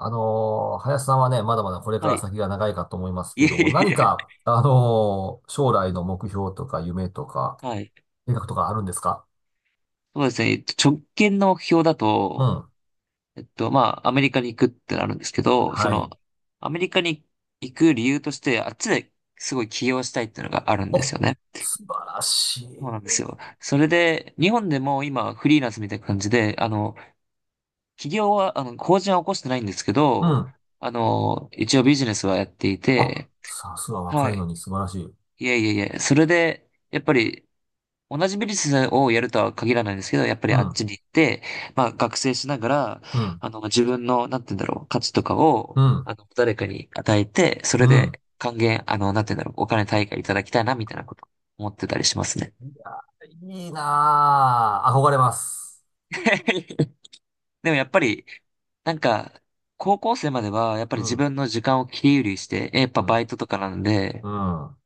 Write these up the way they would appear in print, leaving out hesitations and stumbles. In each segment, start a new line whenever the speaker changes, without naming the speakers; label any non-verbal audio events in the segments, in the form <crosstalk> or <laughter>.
林さんはね、まだまだこれか
は
ら
い。
先が長いかと思いま
<laughs>
す
い
け
えい
ど、
えい
何
え。
か、将来の目標とか夢とか、
はい。
計画とかあるんですか？
そうですね。直近の目標だ
う
と、
ん。
アメリカに行くってなるんですけど、
はい。
アメリカに行く理由として、あっちですごい起業したいっていうのがあるんで
お、
すよね。
素晴らしい。
そうなんですよ。それで、日本でも今、フリーランスみたいな感じで、起業は、法人は起こしてないんですけ
う
ど、
ん。
一応ビジネスはやってい
あ、
て、
さすが
は
若いの
い。
に素晴らしい。
いえいえいえ。それで、やっぱり、同じビジネスをやるとは限らないんですけど、やっぱり
う
あっ
ん、
ちに行って、まあ学生しながら、
うん、
自分の、なんて言うんだろう、価値とか
う
を、
ん、
誰かに与えて、そ
う
れ
ん。
で還元、あの、なんて言うんだろう、お金対価いただきたいな、みたいなこと思ってたりしますね。
いや、いいなぁ。憧れます。
<laughs> でもやっぱり、なんか、高校生までは、やっぱ
う
り自
ん、
分の時間を切り売りして、やっ
う
ぱバイ
ん、
トとかなん
う
で、
ん。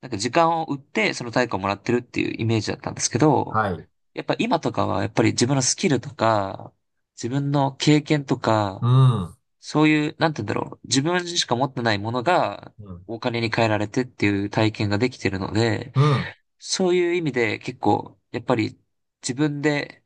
なんか時間を売って、その対価をもらってるっていうイメージだったんですけど、
はい。
やっぱ今とかは、やっぱり自分のスキルとか、自分の経験と
う
か、
ん、うん、
そういう、なんて言うんだろう、自分しか持ってないものが、お金に換えられてっていう体験ができてるので、
うん、
そういう意味で結構、やっぱり自分で、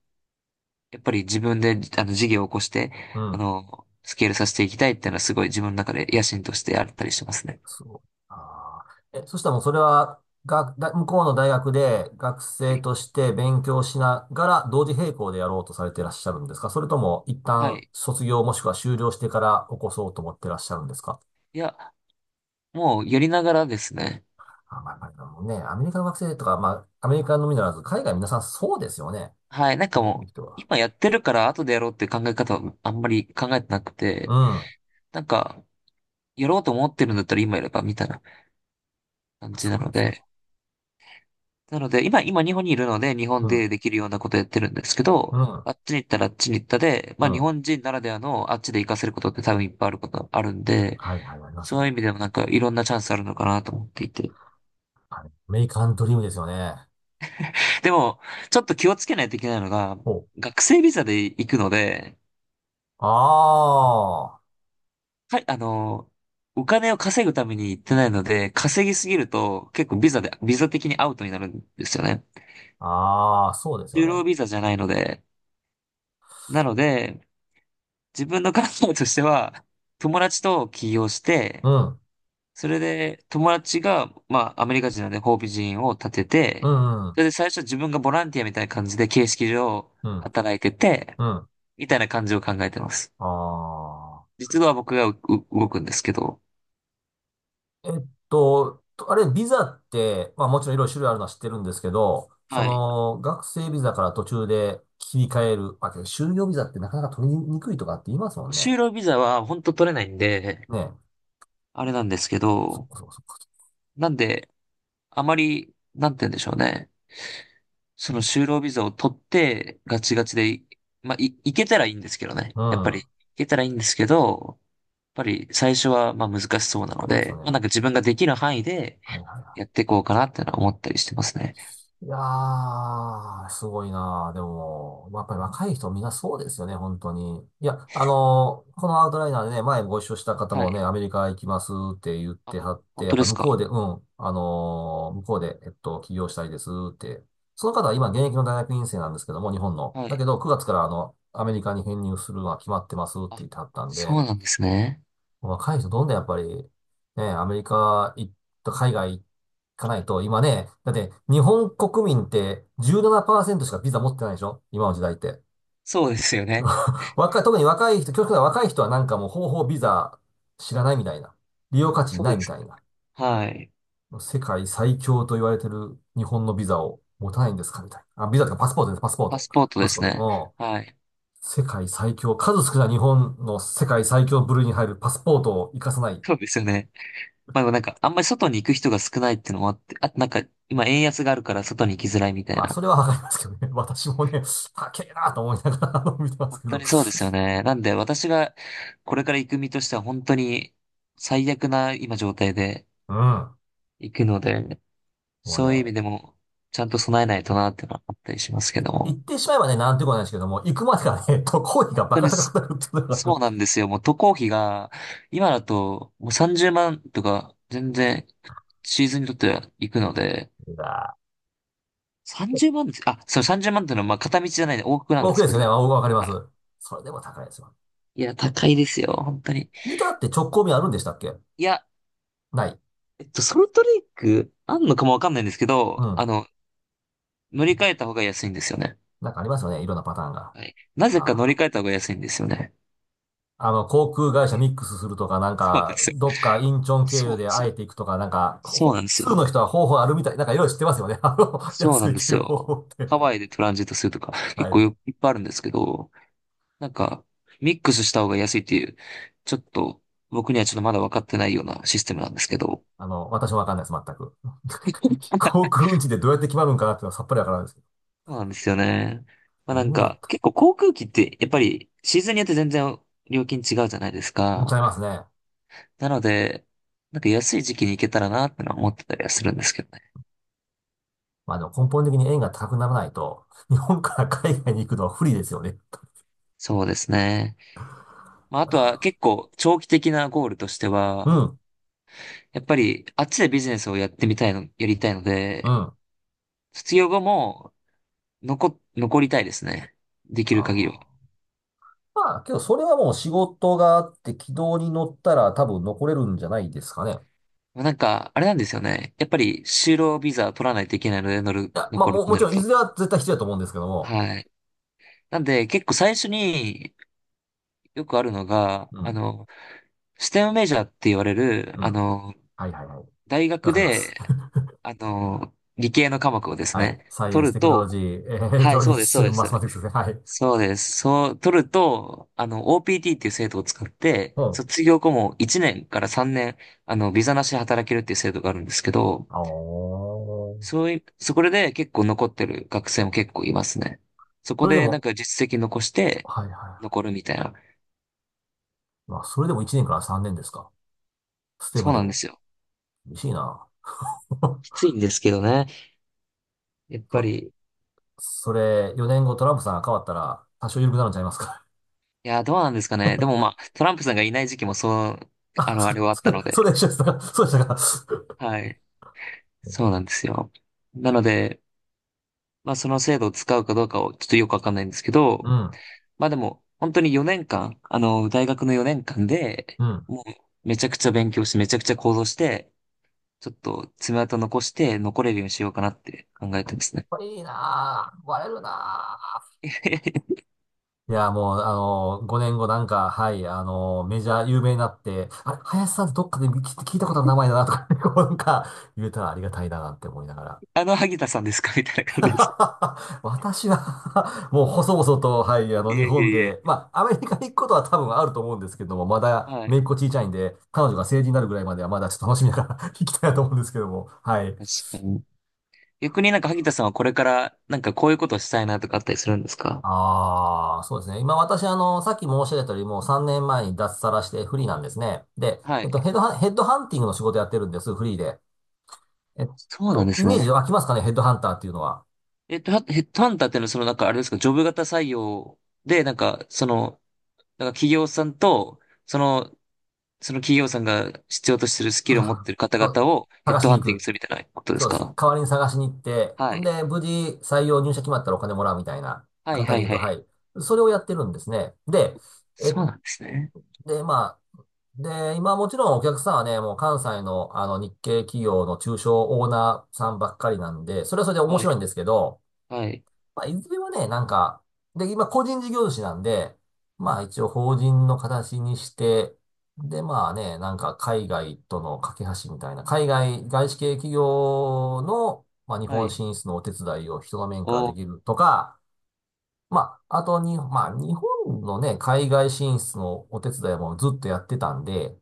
自分で、事業を起こして、
うん。
スケールさせていきたいっていうのはすごい自分の中で野心としてあったりしますね。
そう。あー、え、そしたらもうそれは、が、だ、向こうの大学で学
は
生
い。
として勉強しながら同時並行でやろうとされていらっしゃるんですか？それとも一
は
旦
い。
卒業もしくは修了してから起こそうと思ってらっしゃるんですか？
いや、もうやりながらですね。
あ、まあ、まあ、でもね、アメリカの学生とか、まあ、アメリカのみならず、海外皆さんそうですよね。
はい、なんか
でき
も
る
う、
人は。
今やってるから後でやろうっていう考え方はあんまり考えてなく
う
て、
ん。
なんか、やろうと思ってるんだったら今やればみたいな感じな
そう
の
ですよ
で、
ね。
なので、今日本にいるので、日
う
本
ん。
でできるようなことやってるんですけ
う
ど、
ん。
あっちに行ったらあっちに行ったで、ま
う
あ日
ん。
本人ならではのあっちで活かせることって多分いっぱいあることあるんで、
はいはい、あります
そう
よ
い
ね。
う意味でもなんかいろんなチャンスあるのかなと思っていて。
あれアメリカンドリームですよね。
でも、ちょっと気をつけないといけないのが、
ほう。
学生ビザで行くので、
ああ。
かあの、お金を稼ぐために行ってないので、稼ぎすぎると結構ビザ的にアウトになるんですよね。
ああ、そうですよ
就
ね。
労ビザじゃないので。なので、自分の考えとしては、友達と起業し
う
て、
ん、
それで友達が、まあ、アメリカ人なので法人を立て
う
て、
ん、う
そ
ん、
れで最初自分がボランティアみたいな感じで形式上
うん、
働いてて、
うん。
みたいな感じを考えてます。
ああ。
実は僕がうう動くんですけど、
あれ、ビザって、まあもちろんいろいろ種類あるのは知ってるんですけど、そ
はい。
の、学生ビザから途中で切り替える、まあ、けど就業ビザってなかなか取りにくいとかって言いますもんね。
就労ビザは本当取れないんで、
ねえ。
あれなんですけ
そっ
ど、
かそっかそっか。
なんで、あまり、なんて言うんでしょうね。その就労ビザを取って、ガチガチで、いけたらいいんですけどね。
う
やっぱり、
ん。
いけたらいいんですけど、やっぱり最初はまあ難しそうなの
そうですよ
で、まあ、
ね。
なんか自分ができる範囲で
はいはいは
やっ
い。
ていこうかなってのは思ったりしてますね。
いやー、すごいなー。でも、やっぱり若い人みんなそうですよね、本当に。いや、このアウトライナーでね、前ご一緒した方
は
もね、
い。
アメリカ行きますって言っ
あ、
てはって、
本
や
当
っぱ
です
向
か。
こうで、うん、向こうで、起業したいですって。その方は今現役の大学院生なんですけども、日本の。
は
だ
い。
けど、9月からあの、アメリカに編入するのは決まってますって言
あ、
ってはったんで、
そうなんですね。
若い人どんどんやっぱり、ね、アメリカ行った海外行かないと、今ね、だって日本国民って17%しかビザ持ってないでしょ今の時代って。
そうですよね。
若い、特に若い人、極端な若い人はなんかもう方法ビザ知らないみたいな。利用価値
そ
な
う
い
で
み
す
た
ね。
いな。
はい。
世界最強と言われてる日本のビザを持たないんですかみたいな。あ、ビザとかパスポートです、パスポー
パ
ト。
スポート
パ
で
スポ
す
ー
ね。
ト。
はい。
うん。世界最強、数少ない日本の世界最強部類に入るパスポートを活かさない。
そうですよね。あんまり外に行く人が少ないっていうのもあって、あとなんか、今円安があるから外に行きづらいみたい
まあ、そ
な。
れはわかりますけどね。<laughs> 私もね、高えなと思いながらあの見てます
本
け
当
ど。
にそうですよね。なんで私がこれから行く身としては本当に最悪な今状態で
<laughs> うん。
行くので、
もうね、
そういう意味でもちゃんと備えないとなっていうのはあったりしますけど
行
も。
ってしまえばね、なんてことないですけども、行くまでがね、<laughs> 渡航費が
本
バ
当
カ
に
高
そ
くなるっていうのがありま
そうな
す。
んですよ。もう渡航費が今だともう30万とか全然シーズンにとっては行くので、
いや
30万です、あ、そう30万っていうのはまあ片道じゃないで往復
ー
なん
多
で
く
す
で
け
すよ
ど、
ね。まあ僕はわかりま
は
す。
い
それでも高いですよ。
いや、
ね、
高いですよ、本当に。
ユタって直行便あるんでしたっけ？
いや、
ない。
ソルトレイク、あんのかもわかんないんですけ
う
ど、
ん。
乗り換えた方が安いんですよね。
なんかありますよね。いろんなパターンが。
はい。なぜか乗り
あー、
換えた方が安いんですよね。
あの、航空会社ミックスするとか、なん
そうなんで
か、
すよ。
どっかインチョン経
そう
由
なん
で
ですよ。
会えていくとか、なんか、
そう
ほ
なんです
通の
よ。
人は方法あるみたい。なんかいろいろ知ってますよね。<laughs> あの、
そう
安く
なんで
行け
す
る方法
よ。
っ
ハ
て。
ワイでトランジットするとか、結
は
構
い。
よいっぱいあるんですけど、なんか、ミックスした方が安いっていう、ちょっと、僕にはちょっとまだ分かってないようなシステムなんですけど、
あの、私もわかんないです、全く。<laughs> 航空運賃でどうやって決まるんかなっていうのはさっぱりわからないですけ
そうなんですよね。
ど。夢があったら、
結構航空機って、やっぱりシーズンによって全然料金違うじゃないです
うんちゃ
か。
いますね。
なので、なんか安い時期に行けたらなってのは思ってたりはするんですけどね。
まあでも根本的に円が高くならないと、日本から海外に行くのは不利ですよね。
そうですね。まあ
い
あ
や
とは結
ー、
構長期的なゴールとして
う
は、
ん、
やっぱりあっちでビジネスをやりたいの
う
で、
ん。
卒業後も残りたいですね。でき
あ
る限りは。
ー、まあ、けどそれはもう仕事があって軌道に乗ったら多分残れるんじゃないですかね。
あれなんですよね。やっぱり就労ビザ取らないといけないので、
いや、まあ
残るっ
もう、
て
も
な
ち
る
ろんい
と。
ずれは絶対必要だと思うんですけども。
はい。なんで、結構最初によくあるのが、
うん、
ステムメジャーって言われる、
うん。はいはいはい。
大
わ
学
かります。
で、理系の科目をで
<laughs>
す
はい。
ね、
サイエン
取
ス、
る
テクノロ
と、
ジー、エレク
は
ト
い、
ロニ
そう
ク
です、そう
ス、
で
マ
す。
スマティクスですね。はい。
そうです。そう、取ると、OPT っていう制度を使って、
うん。
卒業後も1年から3年、ビザなしで働けるっていう制度があるんですけど、
ああー。
そういう、そこでね結構残ってる学生も結構いますね。そ
そ
こ
れで
でなん
も、
か実績残して、
はいはいは
残るみたいな。
い。まあ、それでも1年から3年ですか。ステ
そ
ム
う
で
なんで
も。
すよ。
厳しいな。
き
<laughs>
ついんですけどね。やっぱ
そ、
り、
それ、4年後トランプさんが変わったら、多少緩くなるんちゃいますか。
いや、どうなんですかね。でもまあ、トランプさんがいない時期もそう、
<laughs>
あ
あ、
の、あれはあっ
そ
た
れ、
の
<laughs> それ、そ
で、
れ一緒でしたか。そうでしたか。
はい。そうなん
<laughs>
ですよ。なので、まあ、その制度を使うかどうかをちょっとよくわかんないんですけ
う
ど、
ん、
まあでも、本当に4年間、大学の4年間で、
うん。
もう、めちゃくちゃ勉強して、めちゃくちゃ行動して、ちょっと爪痕残して残れるようにしようかなって考えてますね。
これいいなぁ。割れるな
<laughs>
ぁ。いや、もう、5年後なんか、はい、メジャー有名になって、あれ、林さんってどっかで聞いたことある名前だなとか、<laughs> こうなんか、言えたらありがたいななんて思いながら。
萩田さんですかみたいな感じですか。
<laughs> 私は <laughs> もう細々と、はい、あ
<laughs> い
の、日
えい
本
えい
で、
え。
まあ、アメリカに行くことは多分あると思うんですけども、まだ、
は
姪
い。
っ子小さいんで、彼女が成人になるぐらいまでは、まだちょっと楽しみながら <laughs> 行きたいなと思うんですけども、はい。
確かに。逆になんか萩田さんはこれからなんかこういうことをしたいなとかあったりするんですか？
ああ、そうですね。今私、あの、さっき申し上げたよりも3年前に脱サラしてフリーなんですね。で、
はい。
ヘッドハンティングの仕事やってるんです、フリーで。えっ
そうなん
と、
で
イ
す
メージ
ね。
湧きますかね、ヘッドハンターっていうのは。
ヘッドハンターっていうのはそのなんかあれですか、ジョブ型採用で、なんか企業さんと、その、その企業さんが必要としてるス
<laughs> そ
キル
う
を
そ
持っ
う
てる方
そう
々をヘッ
探し
ド
に
ハ
行
ンティング
く。
するみたいなことで
そ
す
うです。
か？
代わりに探しに行って、
は
ほん
い。
で、無事採用入社決まったらお金もらうみたいな、
はい
簡単
は
に
い
言う
は
と、は
い。
い。それをやってるんですね。で、え、
そうなんですね。
で、まあ、で、今もちろんお客さんはね、もう関西のあの日系企業の中小オーナーさんばっかりなんで、それはそれで面
はい。
白いんですけど、
はい。
まあ、いずれはね、なんか、で、今、個人事業主なんで、まあ、一応、法人の形にして、で、まあね、なんか、海外との架け橋みたいな、海外、外資系企業の、まあ、日
は
本
い。
進出のお手伝いを人の面から
お
で
ー、
きるとか、まあ、あとに、まあ、日本のね、海外進出のお手伝いもずっとやってたんで、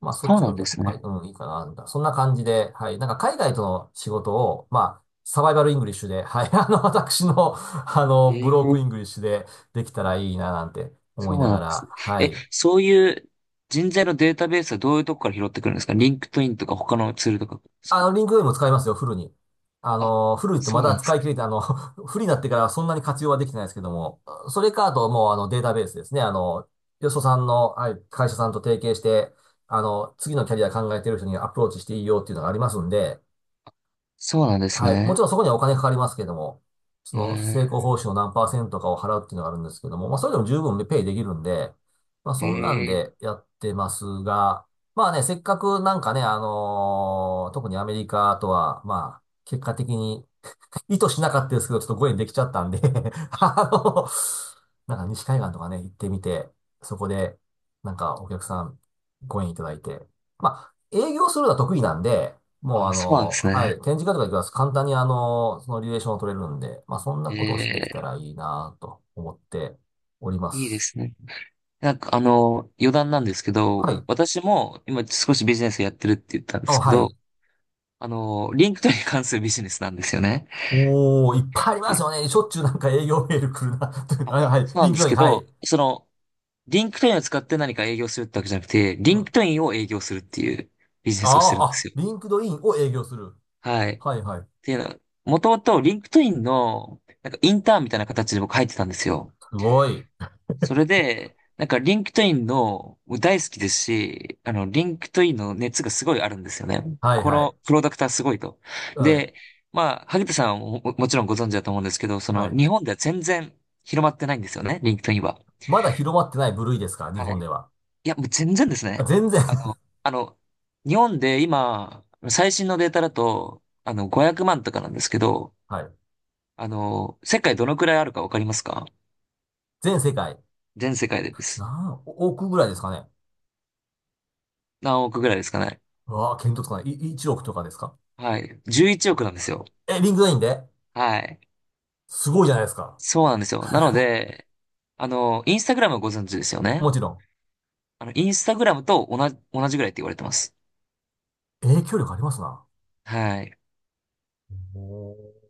まあ、そっ
そう
ち
なん
の
で
逆に、
す
まあ
ね。
うん、いいかな、みたいな。そんな感じで、はい。なんか、海外との仕事を、まあ、サバイバルイングリッシュで、はい。<laughs> あの、私の、あの、
え
ブローク
え
イングリッシュでできたらいいな、なんて思
そ
い
う
な
な
が
んです
ら、
ね。
は
え、
い。
そういう人材のデータベースはどういうとこから拾ってくるんですか？リンクトインとか他のツールとかです
あ
か？
の、リンクドインも使いますよ、フルに。あ
あ、
の、フルってま
そう
だ
なんで
使
す
い
ね。
切れて、あの、<laughs> フルになってからそんなに活用はできてないですけども、それか、あと、もう、あの、データベースですね。あの、よそさんの、はい、会社さんと提携して、あの、次のキャリア考えてる人にアプローチしていいよっていうのがありますんで、
そうなんです
はい。もち
ね。
ろんそこにはお金かかりますけども、その成功
え
報酬の何パーセントかを払うっていうのがあるんですけども、まあそれでも十分ペイできるんで、まあ
ー、
そんなん
えー、
でやってますが、まあね、せっかくなんかね、特にアメリカとは、まあ結果的に意図しなかったですけど、ちょっとご縁できちゃったんで <laughs> あの、なんか西海岸とかね、行ってみて、そこで、なんかお客さん、ご縁いただいて。まあ、営業するのは得意なんで、もうあ
あ、そうなん
の、
です
はい、
ね。
展示会とか行きます。簡単にあの、そのリレーションを取れるんで、まあそんな
え
ことをしてできたら
え。
いいなと思っておりま
いいで
す。
すね。あの、余談なんですけ
は
ど、
い。
私も今少しビジネスやってるって言ったんで
あ、
すけ
は
ど、
い。
リンクトインに関するビジネスなんですよね。
おー、いっぱいありますよね。しょっちゅうなんか営業メール来るな。 <laughs>
あ、
はい、はい。
そうな
リ
ん
ン
で
ク
す
ドイン、
け
は
ど、
い。
リンクトインを使って何か営業するってわけじゃなくて、リ
う
ンク
ん。
トインを営業するっていうビジネスをして
あ
るんで
ー、あ、
すよ。
リンクドインを営業する。
はい。っ
はいはい。
ていうのは、もともとリンクトインの、なんかインターンみたいな形で僕入ってたんですよ。
すごい。
それで、なんかリンクトインの、僕大好きですし、リンクトインの熱がすごいあるんですよね。
はい
こ
は
の
い。
プロダクターすごいと。
はい。
で、まあ、萩田さんはもちろんご存知だと思うんですけど、
はい。
日本では全然広まってないんですよね、リンクトインは。
まだ広まってない部類ですか日
は
本
い
では。
いや、もう全然です
あ、
ね。
全然。
あの、
<laughs>
あの、日本で今、最新のデータだと、500万とかなんですけど、
はい。
世界どのくらいあるかわかりますか？
全世界。
全世界でです。
何億ぐらいですかね。
何億ぐらいですかね。
うわあ、見当つかない。い、1億とかですか？
はい。11億なんですよ。
え、リンクラインで、
はい。
すごいじゃないですか。
そうなんですよ。なので、インスタグラムご存知ですよね。
もちろん。
インスタグラムと同じぐらいって言われてます。
影響力ありますな。
はい。
おー